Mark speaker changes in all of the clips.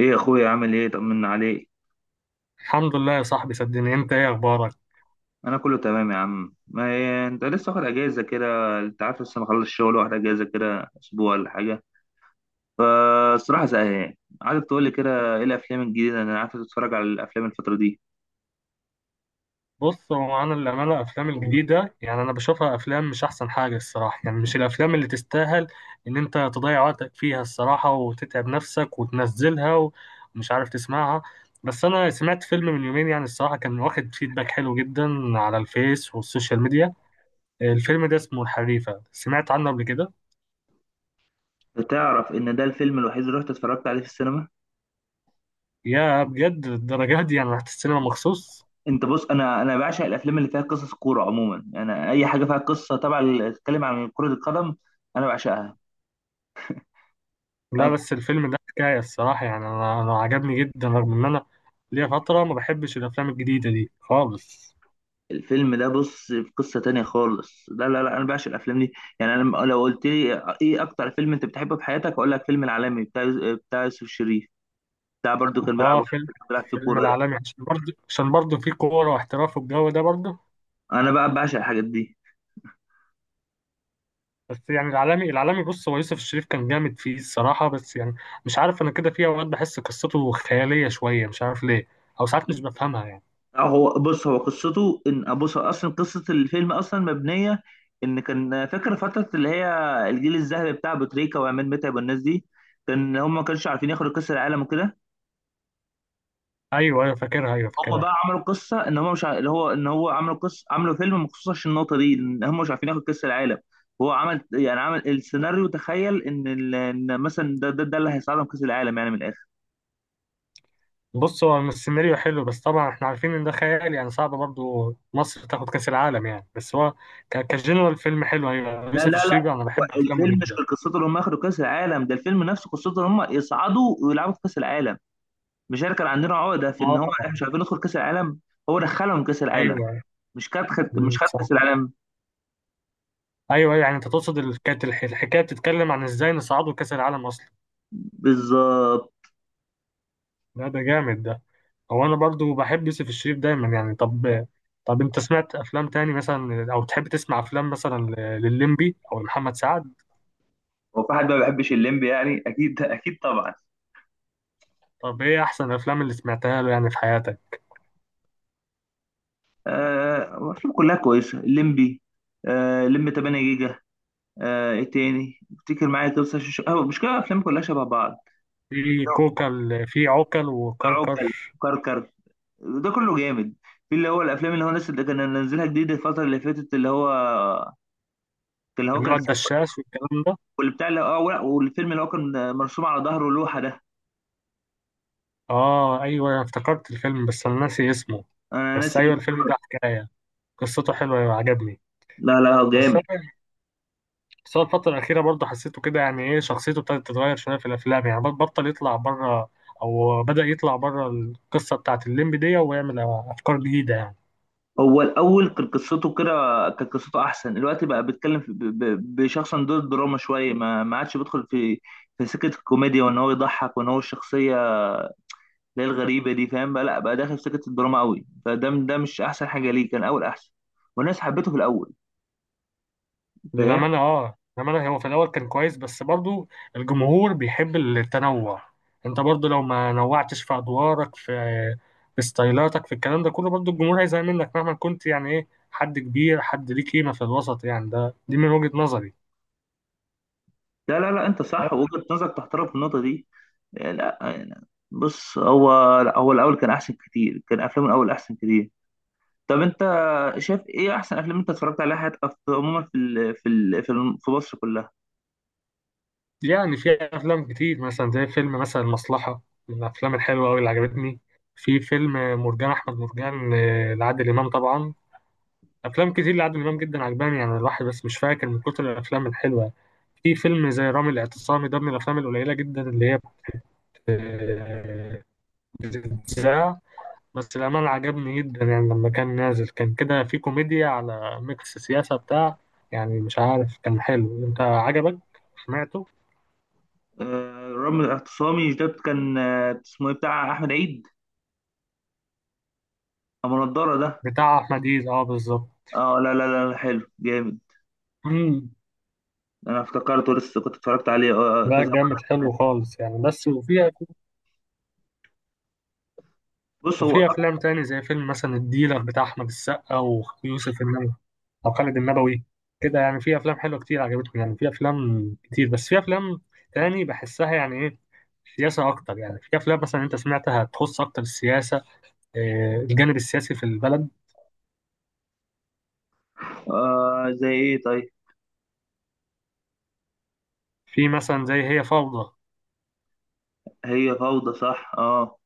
Speaker 1: ايه يا اخويا، عامل ايه؟ طمنا عليك.
Speaker 2: الحمد لله يا صاحبي، صدقني. انت ايه اخبارك؟
Speaker 1: انا كله تمام يا عم، ما هي انت لسه واخد اجازه كده، انت عارف، لسه مخلص الشغل واخد اجازه كده اسبوع ولا حاجه، فالصراحه زهقان. عايزك تقول لي كده ايه الافلام الجديده، انا عارف تتفرج على الافلام الفتره دي.
Speaker 2: بص، هو انا للامانه الافلام الجديده، يعني انا بشوفها افلام مش احسن حاجه الصراحه، يعني مش الافلام اللي تستاهل ان انت تضيع وقتك فيها الصراحه وتتعب نفسك وتنزلها ومش عارف تسمعها. بس انا سمعت فيلم من يومين، يعني الصراحه كان واخد فيدباك حلو جدا على الفيس والسوشيال ميديا. الفيلم ده اسمه الحريفه، سمعت عنه قبل كده؟
Speaker 1: تعرف ان ده الفيلم الوحيد اللي رحت اتفرجت عليه في السينما.
Speaker 2: يا بجد الدرجات دي، يعني رحت السينما مخصوص؟
Speaker 1: انت بص، انا بعشق الافلام اللي فيها قصص كوره. عموما انا اي حاجه فيها قصه، طبعا، تتكلم عن كره القدم انا بعشقها.
Speaker 2: لا، بس الفيلم ده حكاية الصراحة، يعني أنا عجبني جدا، رغم إن أنا ليا فترة ما بحبش الأفلام الجديدة دي خالص.
Speaker 1: الفيلم ده بص في قصة تانية خالص، لا لا لا، انا بعشق الافلام دي. يعني لو قلت لي ايه اكتر فيلم انت بتحبه في حياتك، اقول لك فيلم العالمي بتاع يوسف شريف، بتاع، برضو كان بيلعب
Speaker 2: آه، فيلم
Speaker 1: كان بيلعب في
Speaker 2: فيلم
Speaker 1: كورة ده.
Speaker 2: العالمي، عشان برضه فيه كورة واحتراف والجو ده برضه.
Speaker 1: انا بقى بعشق الحاجات دي.
Speaker 2: بس يعني العالمي بص، هو يوسف الشريف كان جامد فيه الصراحة. بس يعني مش عارف أنا، كده في أوقات بحس قصته خيالية شوية، مش عارف ليه. أو ساعات مش بفهمها يعني.
Speaker 1: أه، هو بص، هو قصته ان، بص، هو اصلا قصة الفيلم اصلا مبنية ان، كان فاكر فترة اللي هي الجيل الذهبي بتاع ابو تريكة وعماد متعب والناس دي، كان هم ما كانش عارفين ياخدوا كأس العالم وكده.
Speaker 2: أيوه أيوه، فاكرها، أيوه
Speaker 1: هم
Speaker 2: فاكرها.
Speaker 1: بقى عملوا قصه ان هم مش ع... اللي هو ان هو عملوا قصه، عملوا فيلم مخصوص عشان النقطه دي ان هم مش عارفين ياخد كاس العالم. هو عمل، يعني، عمل السيناريو، تخيل ان مثلا ده اللي هيساعدهم كاس العالم يعني من الاخر.
Speaker 2: بص، هو السيناريو حلو، بس طبعا احنا عارفين ان ده خيال، يعني صعب برضو مصر تاخد كاس العالم يعني. بس هو كجنرال فيلم حلو. ايوه،
Speaker 1: لا
Speaker 2: يوسف
Speaker 1: لا لا،
Speaker 2: الشريف انا بحب
Speaker 1: هو
Speaker 2: افلامه
Speaker 1: الفيلم مش
Speaker 2: جدا.
Speaker 1: قصته ان هم ياخدوا كاس العالم، ده الفيلم نفسه قصته ان هم يصعدوا ويلعبوا في كاس العالم. مش احنا كان عندنا عقده في ان
Speaker 2: اه،
Speaker 1: هو احنا مش عارفين ندخل كاس العالم؟ هو دخلهم كاس العالم،
Speaker 2: ايوه. مم،
Speaker 1: مش خد
Speaker 2: صح.
Speaker 1: كاس العالم.
Speaker 2: ايوه ايوه، يعني انت تقصد كانت الحكايه بتتكلم عن ازاي نصعدوا كاس العالم اصلا.
Speaker 1: بالظبط.
Speaker 2: لا ده جامد ده. هو انا برضو بحب يوسف الشريف دايما يعني. طب انت سمعت افلام تاني مثلا؟ او تحب تسمع افلام مثلا للليمبي او لمحمد سعد؟
Speaker 1: هو في حد ما بيحبش الليمبي يعني؟ اكيد اكيد طبعا.
Speaker 2: طب ايه احسن الافلام اللي سمعتها له يعني في حياتك؟
Speaker 1: آه، أفلام كلها كويسة الليمبي. آه، الليمبي 8 جيجا. آه، إيه تاني افتكر معايا كده؟ بس عشان مش كده، أفلام كلها شبه بعض.
Speaker 2: في كوكل، في عوكل
Speaker 1: عوكل،
Speaker 2: وكركر.
Speaker 1: كركر، ده كله جامد. في اللي هو الأفلام اللي هو الناس اللي كان نزلها جديد الفترة اللي فاتت، اللي هو، اللي هو
Speaker 2: اللي
Speaker 1: كان
Speaker 2: هو الدشاش
Speaker 1: سب-
Speaker 2: والكلام ده.
Speaker 1: واللي بتاع اللي، اه لا، والفيلم اللي هو كان مرسوم على ظهره لوحة ده.
Speaker 2: اه ايوه، أنا افتكرت الفيلم بس انا ناسي اسمه.
Speaker 1: أنا
Speaker 2: بس
Speaker 1: ناسي
Speaker 2: ايوه
Speaker 1: اللوحة.
Speaker 2: الفيلم ده حكايه، قصته حلوه، أيوة عجبني.
Speaker 1: لا لا،
Speaker 2: بس
Speaker 1: جامد.
Speaker 2: هو بس هو الفتره الاخيره برضه حسيته كده، يعني ايه، شخصيته ابتدت تتغير شويه في الافلام، يعني بطل يطلع بره، او بدا يطلع بره القصه بتاعت الليمبي دي ويعمل افكار جديده يعني.
Speaker 1: هو الاول كان قصته كده، كان قصته احسن، الوقت بقى بيتكلم بشخص عن دور الدراما شويه، ما عادش بيدخل في في سكه الكوميديا وان هو يضحك وان هو الشخصيه اللي هي الغريبه دي، فاهم؟ بقى لا بقى داخل في سكه الدراما قوي، فده ده مش احسن حاجه ليه، كان اول احسن والناس حبته في الاول. فاهم.
Speaker 2: للأمانة، اه للأمانة، هو في الأول كان كويس بس برضو الجمهور بيحب التنوع. أنت برضو لو ما نوعتش في أدوارك، في ستايلاتك، في الكلام ده كله، برضو الجمهور هيزهق منك مهما كنت يعني، إيه حد كبير، حد ليه قيمة في الوسط يعني. ده دي من وجهة نظري.
Speaker 1: لا لا لا، انت صح، وجهه نظرك تحترم في النقطه دي. لا يعني بص، هو لا، هو الاول كان احسن كتير، كان افلامه الاول احسن كتير. طب انت شايف ايه احسن افلام انت اتفرجت عليها حياتك، عموما في مصر كلها؟
Speaker 2: يعني في أفلام كتير مثلا، زي فيلم مثلا المصلحة، من الأفلام الحلوة أوي اللي عجبتني. في فيلم مرجان أحمد مرجان، آه، لعادل إمام طبعا. افلام كتير لعادل امام جدا عجباني يعني الواحد، بس مش فاكر من كتر الافلام الحلوه. في فيلم زي رامي الاعتصامي، ده من الافلام القليله جدا اللي هي بت- بتتذاع. بس الامانه عجبني جدا، يعني لما كان نازل كان كده في كوميديا على ميكس سياسه بتاع، يعني مش عارف، كان حلو. انت عجبك؟ سمعته؟
Speaker 1: آه، رغم الاعتصامي مش ده كان، آه، اسمه ايه، بتاع احمد عيد، ابو نضاره ده.
Speaker 2: بتاع احمد عيد، اه بالظبط.
Speaker 1: اه، لا لا لا لا، حلو جامد.
Speaker 2: امم
Speaker 1: انا افتكرته، لسه كنت اتفرجت عليه
Speaker 2: لا
Speaker 1: كذا مرة.
Speaker 2: جامد حلو خالص يعني. بس وفي،
Speaker 1: بص هو
Speaker 2: وفي
Speaker 1: أك-
Speaker 2: افلام تاني زي فيلم مثلا الديلر بتاع احمد السقا، ويوسف او خالد النبوي كده، يعني في افلام حلوه كتير عجبتهم، يعني في افلام كتير، بس في افلام تاني بحسها يعني ايه، سياسه اكتر. يعني في افلام مثلا انت سمعتها تخص اكتر السياسه، آه، الجانب السياسي في البلد.
Speaker 1: آه، زي ايه طيب؟
Speaker 2: في مثلا زي هي فوضى.
Speaker 1: هي فوضى، صح، اه.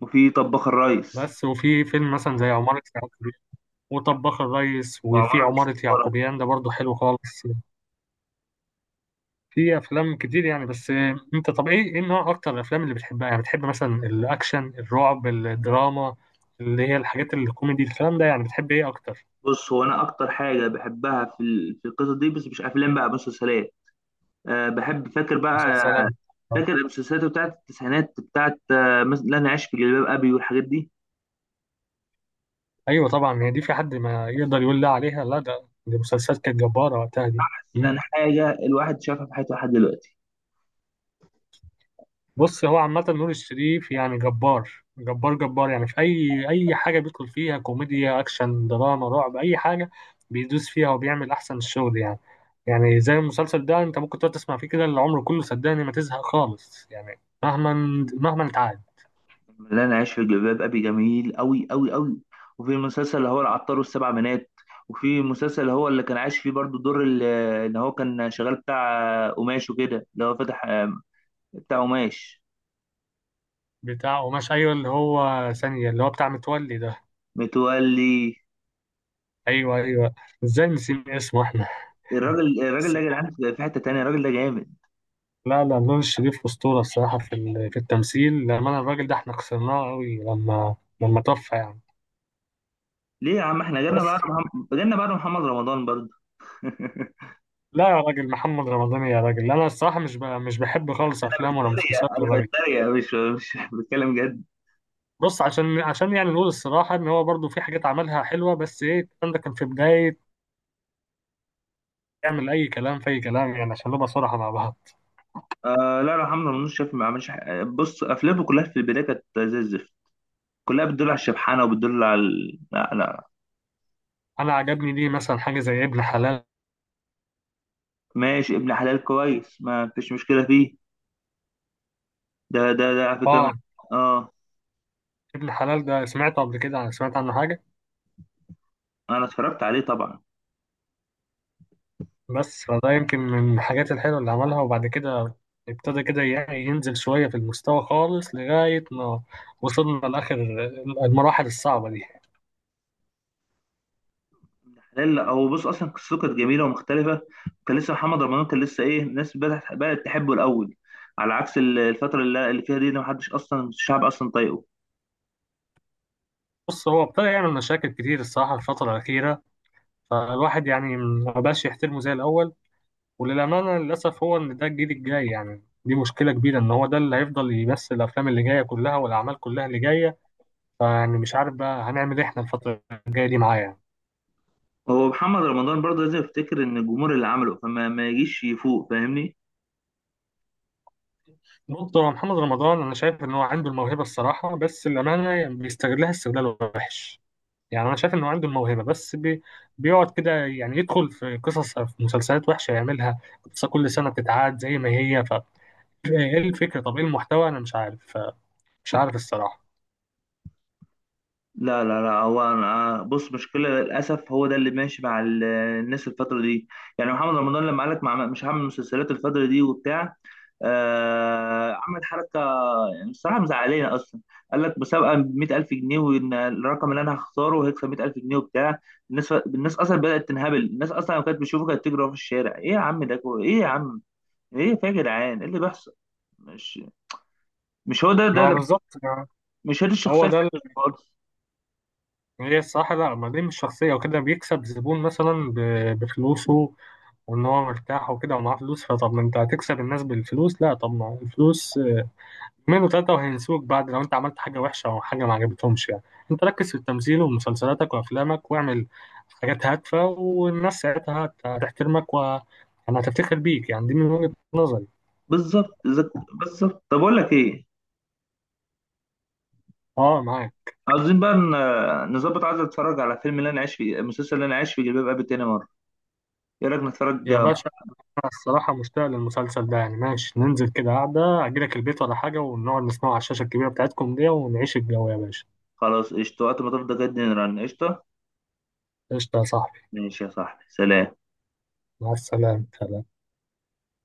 Speaker 1: وفي طباخ الريس،
Speaker 2: بس وفي فيلم مثلا زي عمارة يعقوبيان، وطباخ الريس، وفي
Speaker 1: وعمارة
Speaker 2: عمارة
Speaker 1: الاستخبارات.
Speaker 2: يعقوبيان ده برضه حلو خالص. في افلام كتير يعني. بس آه، انت طب ايه نوع اكتر الافلام اللي بتحبها؟ يعني بتحب مثلا الاكشن، الرعب، الدراما اللي هي الحاجات الكوميدي، الكلام ده، يعني بتحب ايه اكتر؟
Speaker 1: بص هو انا اكتر حاجه بحبها في القصه دي، بس مش افلام، بقى مسلسلات. أه بحب، فاكر بقى،
Speaker 2: مسلسلات، آه.
Speaker 1: فاكر المسلسلات بتاعت التسعينات بتاعت، مثلا لا انا عايش في جلباب ابي والحاجات دي.
Speaker 2: ايوه طبعا، هي دي، في حد ما يقدر يقول لا عليها. لا ده دي مسلسلات كانت جباره وقتها دي. مم.
Speaker 1: احسن حاجه الواحد شافها في حياته لحد دلوقتي.
Speaker 2: بص، هو عامه نور الشريف يعني جبار جبار جبار، يعني في اي حاجه بيدخل فيها، كوميديا، اكشن، دراما، رعب، اي حاجه بيدوس فيها وبيعمل احسن الشغل يعني. يعني زي المسلسل ده، انت ممكن تقعد تسمع فيه كده العمر كله صدقني، ما تزهق خالص يعني، مهما اتعاد.
Speaker 1: لا انا عايش في جلباب ابي، جميل قوي قوي قوي. وفي المسلسل اللي هو العطار والسبع بنات. وفي المسلسل اللي هو اللي كان عايش فيه برضو دور اللي هو كان شغال بتاع، آه، قماش وكده، اللي هو فتح، آه، بتاع قماش،
Speaker 2: بتاع قماش، ايوه اللي هو ثانيه، اللي هو بتاع متولي ده.
Speaker 1: متولي.
Speaker 2: ايوه ايوه، ازاي نسيب اسمه احنا؟
Speaker 1: الراجل
Speaker 2: بس
Speaker 1: ده يا جدعان، في حته تانيه، الراجل ده جامد.
Speaker 2: لا لا، نور الشريف أسطورة الصراحة في في التمثيل. لما الراجل ده احنا خسرناه قوي، لما توفى يعني.
Speaker 1: ليه يا عم، احنا
Speaker 2: بس
Speaker 1: جالنا بعد محمد رمضان برضو.
Speaker 2: لا يا راجل، محمد رمضان يا راجل، انا الصراحة مش بحب خالص افلام ولا
Speaker 1: بتريق،
Speaker 2: مسلسلات
Speaker 1: انا
Speaker 2: الراجل.
Speaker 1: بتريق، مش بتكلم جد.
Speaker 2: بص، عشان يعني نقول الصراحة ان هو برضو في حاجات عملها حلوة، بس ايه الكلام ده كان في بداية، يعمل اي كلام في اي كلام، يعني عشان نبقى صراحة مع بعض.
Speaker 1: آه لا لا، حمزة منوش شايف ما عملش حاجة؟ بص افلامه كلها في البدايه كانت زي الزفت، كلها بتدل على الشبحانه وبتدل لا لا.
Speaker 2: انا عجبني دي مثلا حاجة زي ابن حلال.
Speaker 1: ماشي، ابن حلال كويس، ما فيش مشكله فيه. ده على فكره
Speaker 2: اه
Speaker 1: اه.
Speaker 2: ابن حلال ده، سمعته قبل كده، سمعت عنه حاجة.
Speaker 1: انا اتفرجت عليه طبعا.
Speaker 2: بس فده يمكن من الحاجات الحلوة اللي عملها، وبعد كده ابتدى كده، يعني ينزل شوية في المستوى خالص، لغاية ما وصلنا لآخر المراحل الصعبة دي.
Speaker 1: حلال، لا هو بص اصلا قصته كانت جميله ومختلفه. كان لسه محمد رمضان، كان لسه ايه، الناس بدات تحبه الاول، على عكس الفتره اللي فيها دي، ده ما حدش اصلا، الشعب اصلا طايقه.
Speaker 2: بص هو ابتدى يعمل مشاكل كتير الصراحة الفترة الأخيرة، فالواحد يعني مبقاش يحترمه زي الأول. وللأمانة للأسف، هو إن ده الجيل الجاي يعني دي مشكلة كبيرة، إن هو ده اللي هيفضل يمثل الأفلام اللي جاية كلها والأعمال كلها اللي جاية. فيعني مش عارف بقى هنعمل إيه إحنا الفترة الجاية دي معاه يعني.
Speaker 1: هو محمد رمضان برضه لازم يفتكر ان الجمهور اللي عمله، فما ما يجيش يفوق، فاهمني.
Speaker 2: بص، هو محمد رمضان انا شايف ان هو عنده الموهبه الصراحه، بس الامانه يعني بيستغلها استغلال وحش. يعني انا شايف انه عنده الموهبه، بس بيقعد كده يعني يدخل في قصص، في مسلسلات وحشه يعملها، قصه كل سنه بتتعاد زي ما هي. ايه الفكره، طب ايه المحتوى، انا مش عارف، الصراحه.
Speaker 1: لا لا لا، هو أنا بص، مشكلة للأسف هو ده اللي ماشي مع الناس الفترة دي. يعني محمد رمضان لما قالك مش هعمل مسلسلات الفترة دي وبتاع، آه، عمل حركة، الصراحة مزعلانة أصلا. قال لك مسابقة ب 100,000 جنيه، وإن الرقم اللي أنا هختاره هيكسب 100,000 جنيه وبتاع. الناس أصلا بدأت تنهبل. الناس أصلا لو كانت بتشوفه كانت تجري وراه في الشارع، إيه يا عم ده، إيه يا عم، إيه في يا جدعان، إيه اللي بيحصل؟ مش مش هو ده،
Speaker 2: ما هو بالظبط.
Speaker 1: مش هي دي الشخصيه
Speaker 2: هو
Speaker 1: اللي،
Speaker 2: ده
Speaker 1: خالص.
Speaker 2: هي الصراحه، لا ما دي مش شخصيه، وكده بيكسب زبون مثلا بفلوسه، وان هو مرتاح وكده ومعاه فلوس. فطب ما انت هتكسب الناس بالفلوس. لا طب ما الفلوس اتنين وتلاتة وهينسوك بعد، لو انت عملت حاجة وحشة او حاجة ما عجبتهمش يعني. انت ركز في التمثيل ومسلسلاتك وافلامك، واعمل حاجات هادفة، والناس ساعتها هتحترمك يعني هتفتخر بيك، يعني دي من وجهة نظري.
Speaker 1: بالظبط، بالظبط. طب اقول لك ايه،
Speaker 2: اه معاك.
Speaker 1: عاوزين بقى نظبط. عايز اتفرج على فيلم اللي انا عايش في المسلسل اللي انا عايش في جلباب ابي تاني مره. ايه رايك نتفرج؟
Speaker 2: يا باشا، انا الصراحة مشتاق للمسلسل ده، يعني ماشي، ننزل كده قعدة اجيلك البيت ولا حاجة، ونقعد نسمعه على الشاشة الكبيرة بتاعتكم دي ونعيش الجو يا باشا.
Speaker 1: خلاص قشطه، وقت ما تفضى جدا رن، قشطه.
Speaker 2: قشطة يا صاحبي.
Speaker 1: ماشي يا صاحبي، سلام.
Speaker 2: مع السلامة، سلام.